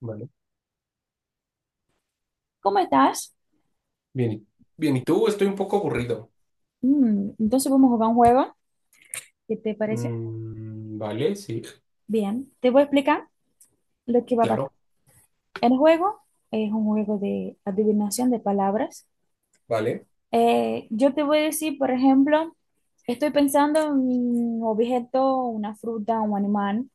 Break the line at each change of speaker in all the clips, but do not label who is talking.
Vale.
¿Cómo estás?
Bien. Bien, ¿y tú? Estoy un poco aburrido.
Mm, entonces vamos a jugar un juego. ¿Qué te parece?
Vale, sí,
Bien, te voy a explicar lo que va a pasar.
claro.
El juego es un juego de adivinación de palabras.
Vale.
Yo te voy a decir, por ejemplo, estoy pensando en un objeto, una fruta, un animal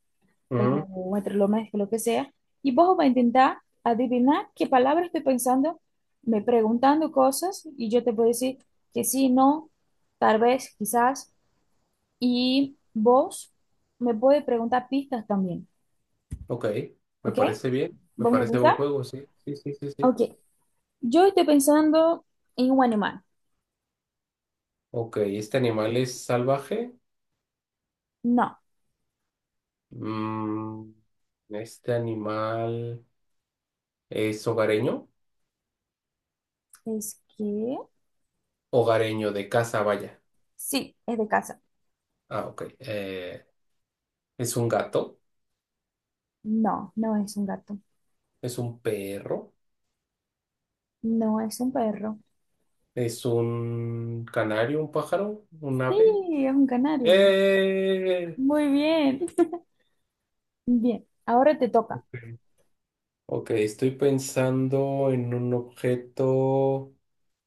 o
Mm,
un electrodoméstico, lo que sea, y vos vas a intentar adivinar qué palabra estoy pensando, me preguntando cosas, y yo te voy a decir que sí, no, tal vez, quizás. Y vos me puedes preguntar pistas también,
ok, me
¿ok?
parece bien. Me
¿Vos me
parece buen
pensás?
juego, sí. Sí, sí, sí, sí.
Ok, yo estoy pensando en un animal.
Ok, ¿este animal es salvaje?
No,
Mm, ¿este animal es hogareño?
es que
Hogareño de casa, vaya.
sí, es de casa.
Ah, ok. ¿Es un gato?
No, no es un gato.
¿Es un perro?
No es un perro.
¿Es un canario, un pájaro, un
Sí,
ave?
es un canario.
¡Eh!
Muy bien. Bien, ahora te toca.
Ok, estoy pensando en un objeto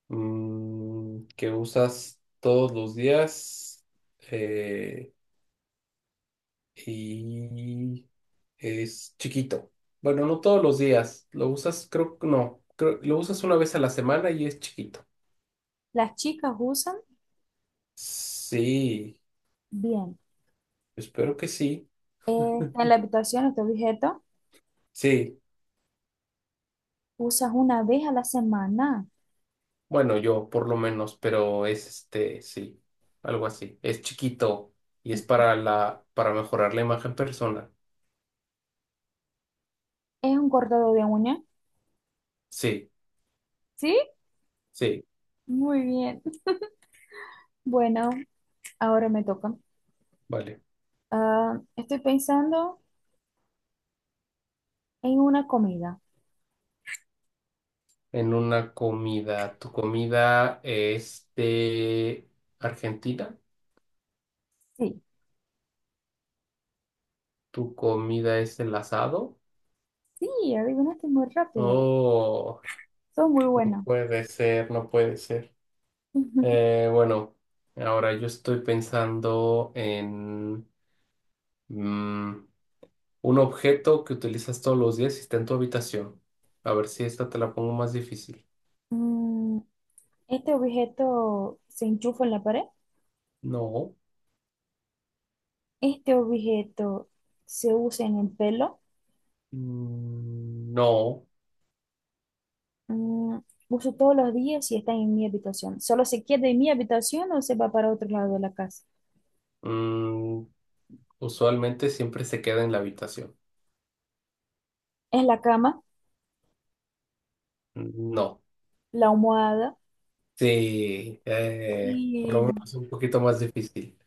que usas todos los días eh, y es chiquito. Bueno, no todos los días, lo usas, creo que no, lo usas una vez a la semana y es chiquito.
Las chicas usan,
Sí,
bien,
espero que sí.
está en la habitación, este objeto,
Sí,
usas una vez a la semana.
bueno, yo por lo menos, pero es este, sí, algo así. Es chiquito y es para la, para mejorar la imagen personal.
Es un cortador de uña.
Sí.
¿Sí?
Sí,
Muy bien. Bueno, ahora me toca.
vale.
Ah, estoy pensando en una comida.
En una comida. ¿Tu comida es de Argentina?
Sí,
¿Tu comida es el asado?
sí, adivinaste muy rápido.
Oh,
Son muy
no
buenas.
puede ser, no puede ser. Bueno, ahora yo estoy pensando en mm, un objeto que utilizas todos los días y está en tu habitación. A ver si esta te la pongo más difícil.
Mm, este objeto se enchufa en la pared.
No,
Este objeto se usa en el pelo.
no.
Mm, uso todos los días y está en mi habitación. Solo se queda en mi habitación o se va para otro lado de la casa.
Mm, usualmente siempre se queda en la habitación.
Es la cama,
No.
la almohada.
Sí,
Y
es un poquito más difícil.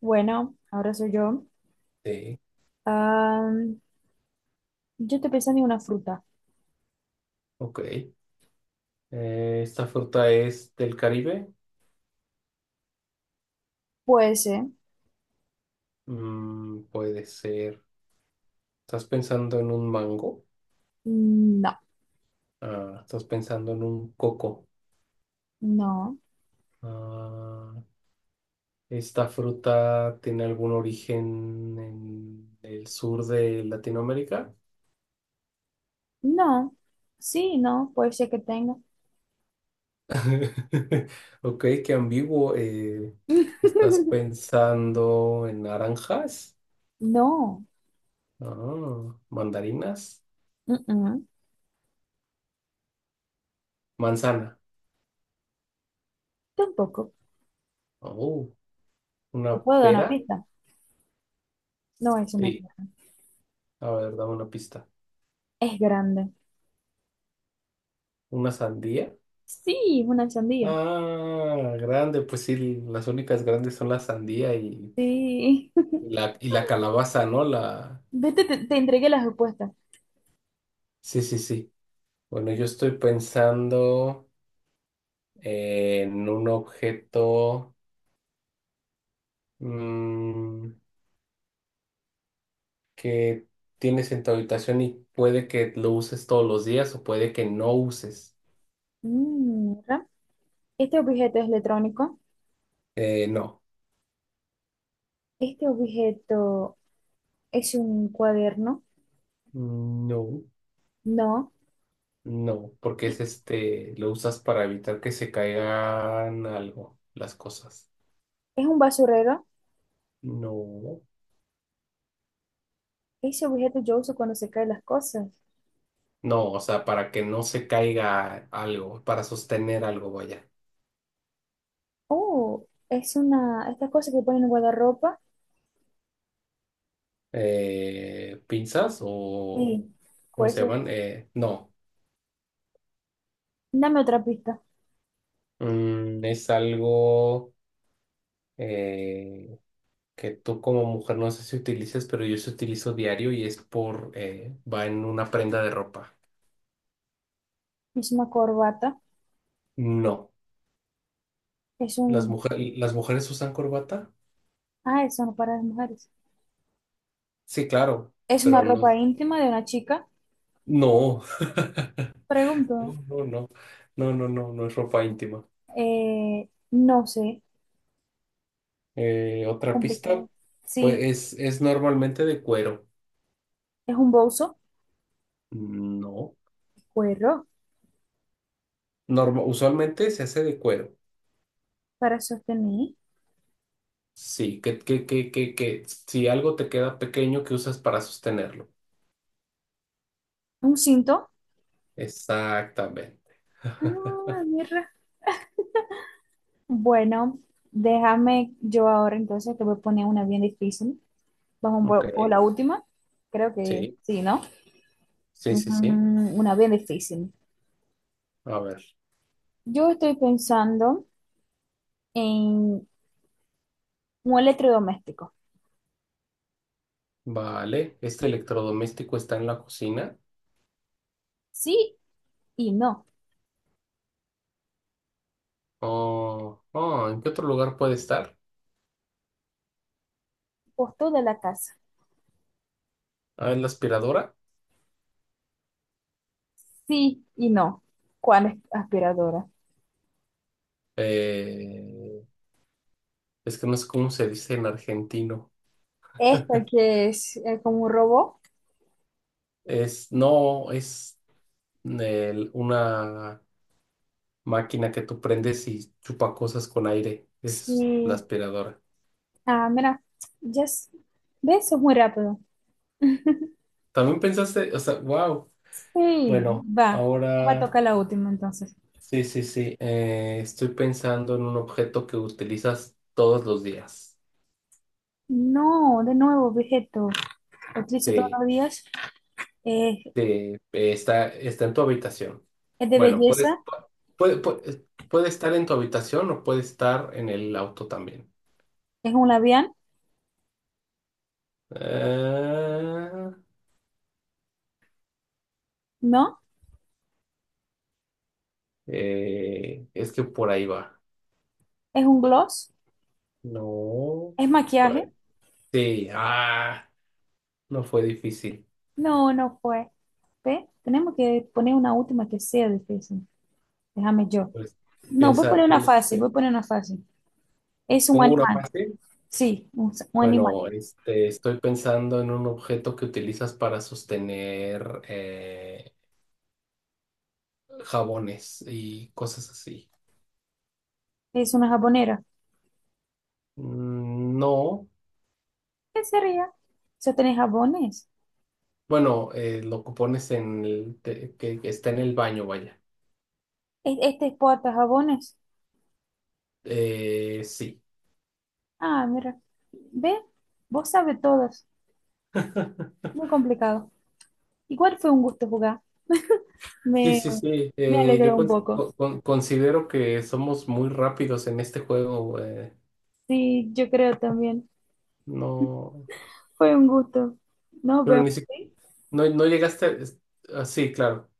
bueno, ahora soy yo.
Sí,
Ah, yo estoy pensando en una fruta.
ok. ¿Esta fruta es del Caribe?
Puede ser.
Mm, puede ser. ¿Estás pensando en un mango?
Mm, no,
Ah, ¿estás pensando en un coco?
no,
Ah, ¿esta fruta tiene algún origen en el sur de Latinoamérica?
no. Sí, no, puede ser que tenga.
Ok, qué ambiguo. ¿Estás pensando en naranjas?
No,
Oh, mandarinas,
mm-mm,
manzana.
tampoco.
Oh, una
Te puedo dar una
pera.
pista. No es una
Sí,
pista.
a ver, dame una pista.
Es grande.
Una sandía.
Sí, es una sandía.
Ah, grande, pues sí, las únicas grandes son la sandía
Sí.
y la calabaza, ¿no? La...
Vete, te entregué las respuestas.
Sí, sí, sí. Bueno, yo estoy pensando en un objeto mm, que tienes en tu habitación y puede que lo uses todos los días o puede que no uses.
Mm, mira, este objeto es electrónico.
No.
Este objeto es un cuaderno.
No.
No,
No, porque es
es
este, lo usas para evitar que se caigan algo, las cosas.
es un basurero.
No,
Ese objeto yo uso cuando se caen las cosas.
no, o sea, para que no se caiga algo, para sostener algo, vaya.
Oh, es una, estas cosas que ponen en guardarropa.
¿Pinzas o
Sí,
cómo
puede
se
ser.
llaman? No.
Dame otra pista.
Mm, es algo eh, que tú como mujer no sé si utilizas, pero yo se utilizo diario y es por, va en una prenda de ropa.
Es una corbata.
No,
Es un...
las mujeres usan corbata.
Ah, eso no para las mujeres.
Sí, claro,
Es una
pero
ropa
no,
íntima de una chica.
no,
Pregunto.
no, no, no, no es ropa íntima.
No sé.
Otra pista,
Complicado. Sí,
pues es normalmente de cuero.
es un bolso.
No,
Cuero
Usualmente se hace de cuero.
para sostener.
Sí, que si algo te queda pequeño, que usas para sostenerlo?
Un cinto.
Exactamente.
Ah, mierda. Bueno, déjame yo ahora entonces te voy a poner una bien difícil. Vamos
Ok,
por la última. Creo que
sí,
sí, ¿no?
sí, sí, sí.
Mm, una bien difícil.
A ver,
Yo estoy pensando en un electrodoméstico.
vale, este electrodoméstico está en la cocina.
Sí y no.
Oh, oh, ¿en qué otro lugar puede estar?
Por toda la casa.
Ah, en la aspiradora.
Sí y no. ¿Cuál es aspiradora?
Eh, es que no sé cómo se dice en argentino.
Esta que es como un robot.
Es, no, es una máquina que tú prendes y chupa cosas con aire. Es la
Sí.
aspiradora.
Ah, mira. Ya s- ¿Ves? Es muy rápido.
También pensaste, o sea, wow.
Sí,
Bueno,
va. Va a
ahora
tocar la última entonces.
sí, sí, sí. Estoy pensando en un objeto que utilizas todos los días.
No, de nuevo, objeto. Lo utilizo todos
Sí.
los días. Eh,
Sí, está, está en tu habitación.
es de
Bueno, puedes-
belleza.
puede, puede, puede estar en tu habitación o puede estar en el auto también.
Es un labial.
Ah,
No.
es que por ahí va.
Es un gloss.
No,
Es
por ahí.
maquillaje.
Sí, ah, no fue difícil.
No, no fue. ¿Ve? Tenemos que poner una última que sea difícil. Déjame yo.
Pues
No, voy a poner
piensa,
una fácil, voy a poner una fácil. Es un
pongo una
animal.
fácil.
Sí, un animal.
Bueno, este, estoy pensando en un objeto que utilizas para sostener jabones y cosas así.
Es una jabonera.
Mm, no,
¿Qué sería? ¿Se tenés jabones?
bueno, lo que pones en que está en el baño, vaya.
¿E- ¿Este exporta jabones?
Sí,
Ah, mira. ¿Ve? Vos sabes todas. Muy complicado. Igual fue un gusto jugar.
sí,
Me,
sí, sí.
me
Yo
alegró un poco.
considero que somos muy rápidos en este juego.
Sí, yo creo también.
No,
Fue un gusto. Nos
pero
vemos.
ni siquiera,
¿Sí?
no, no llegaste. Ah, sí, claro.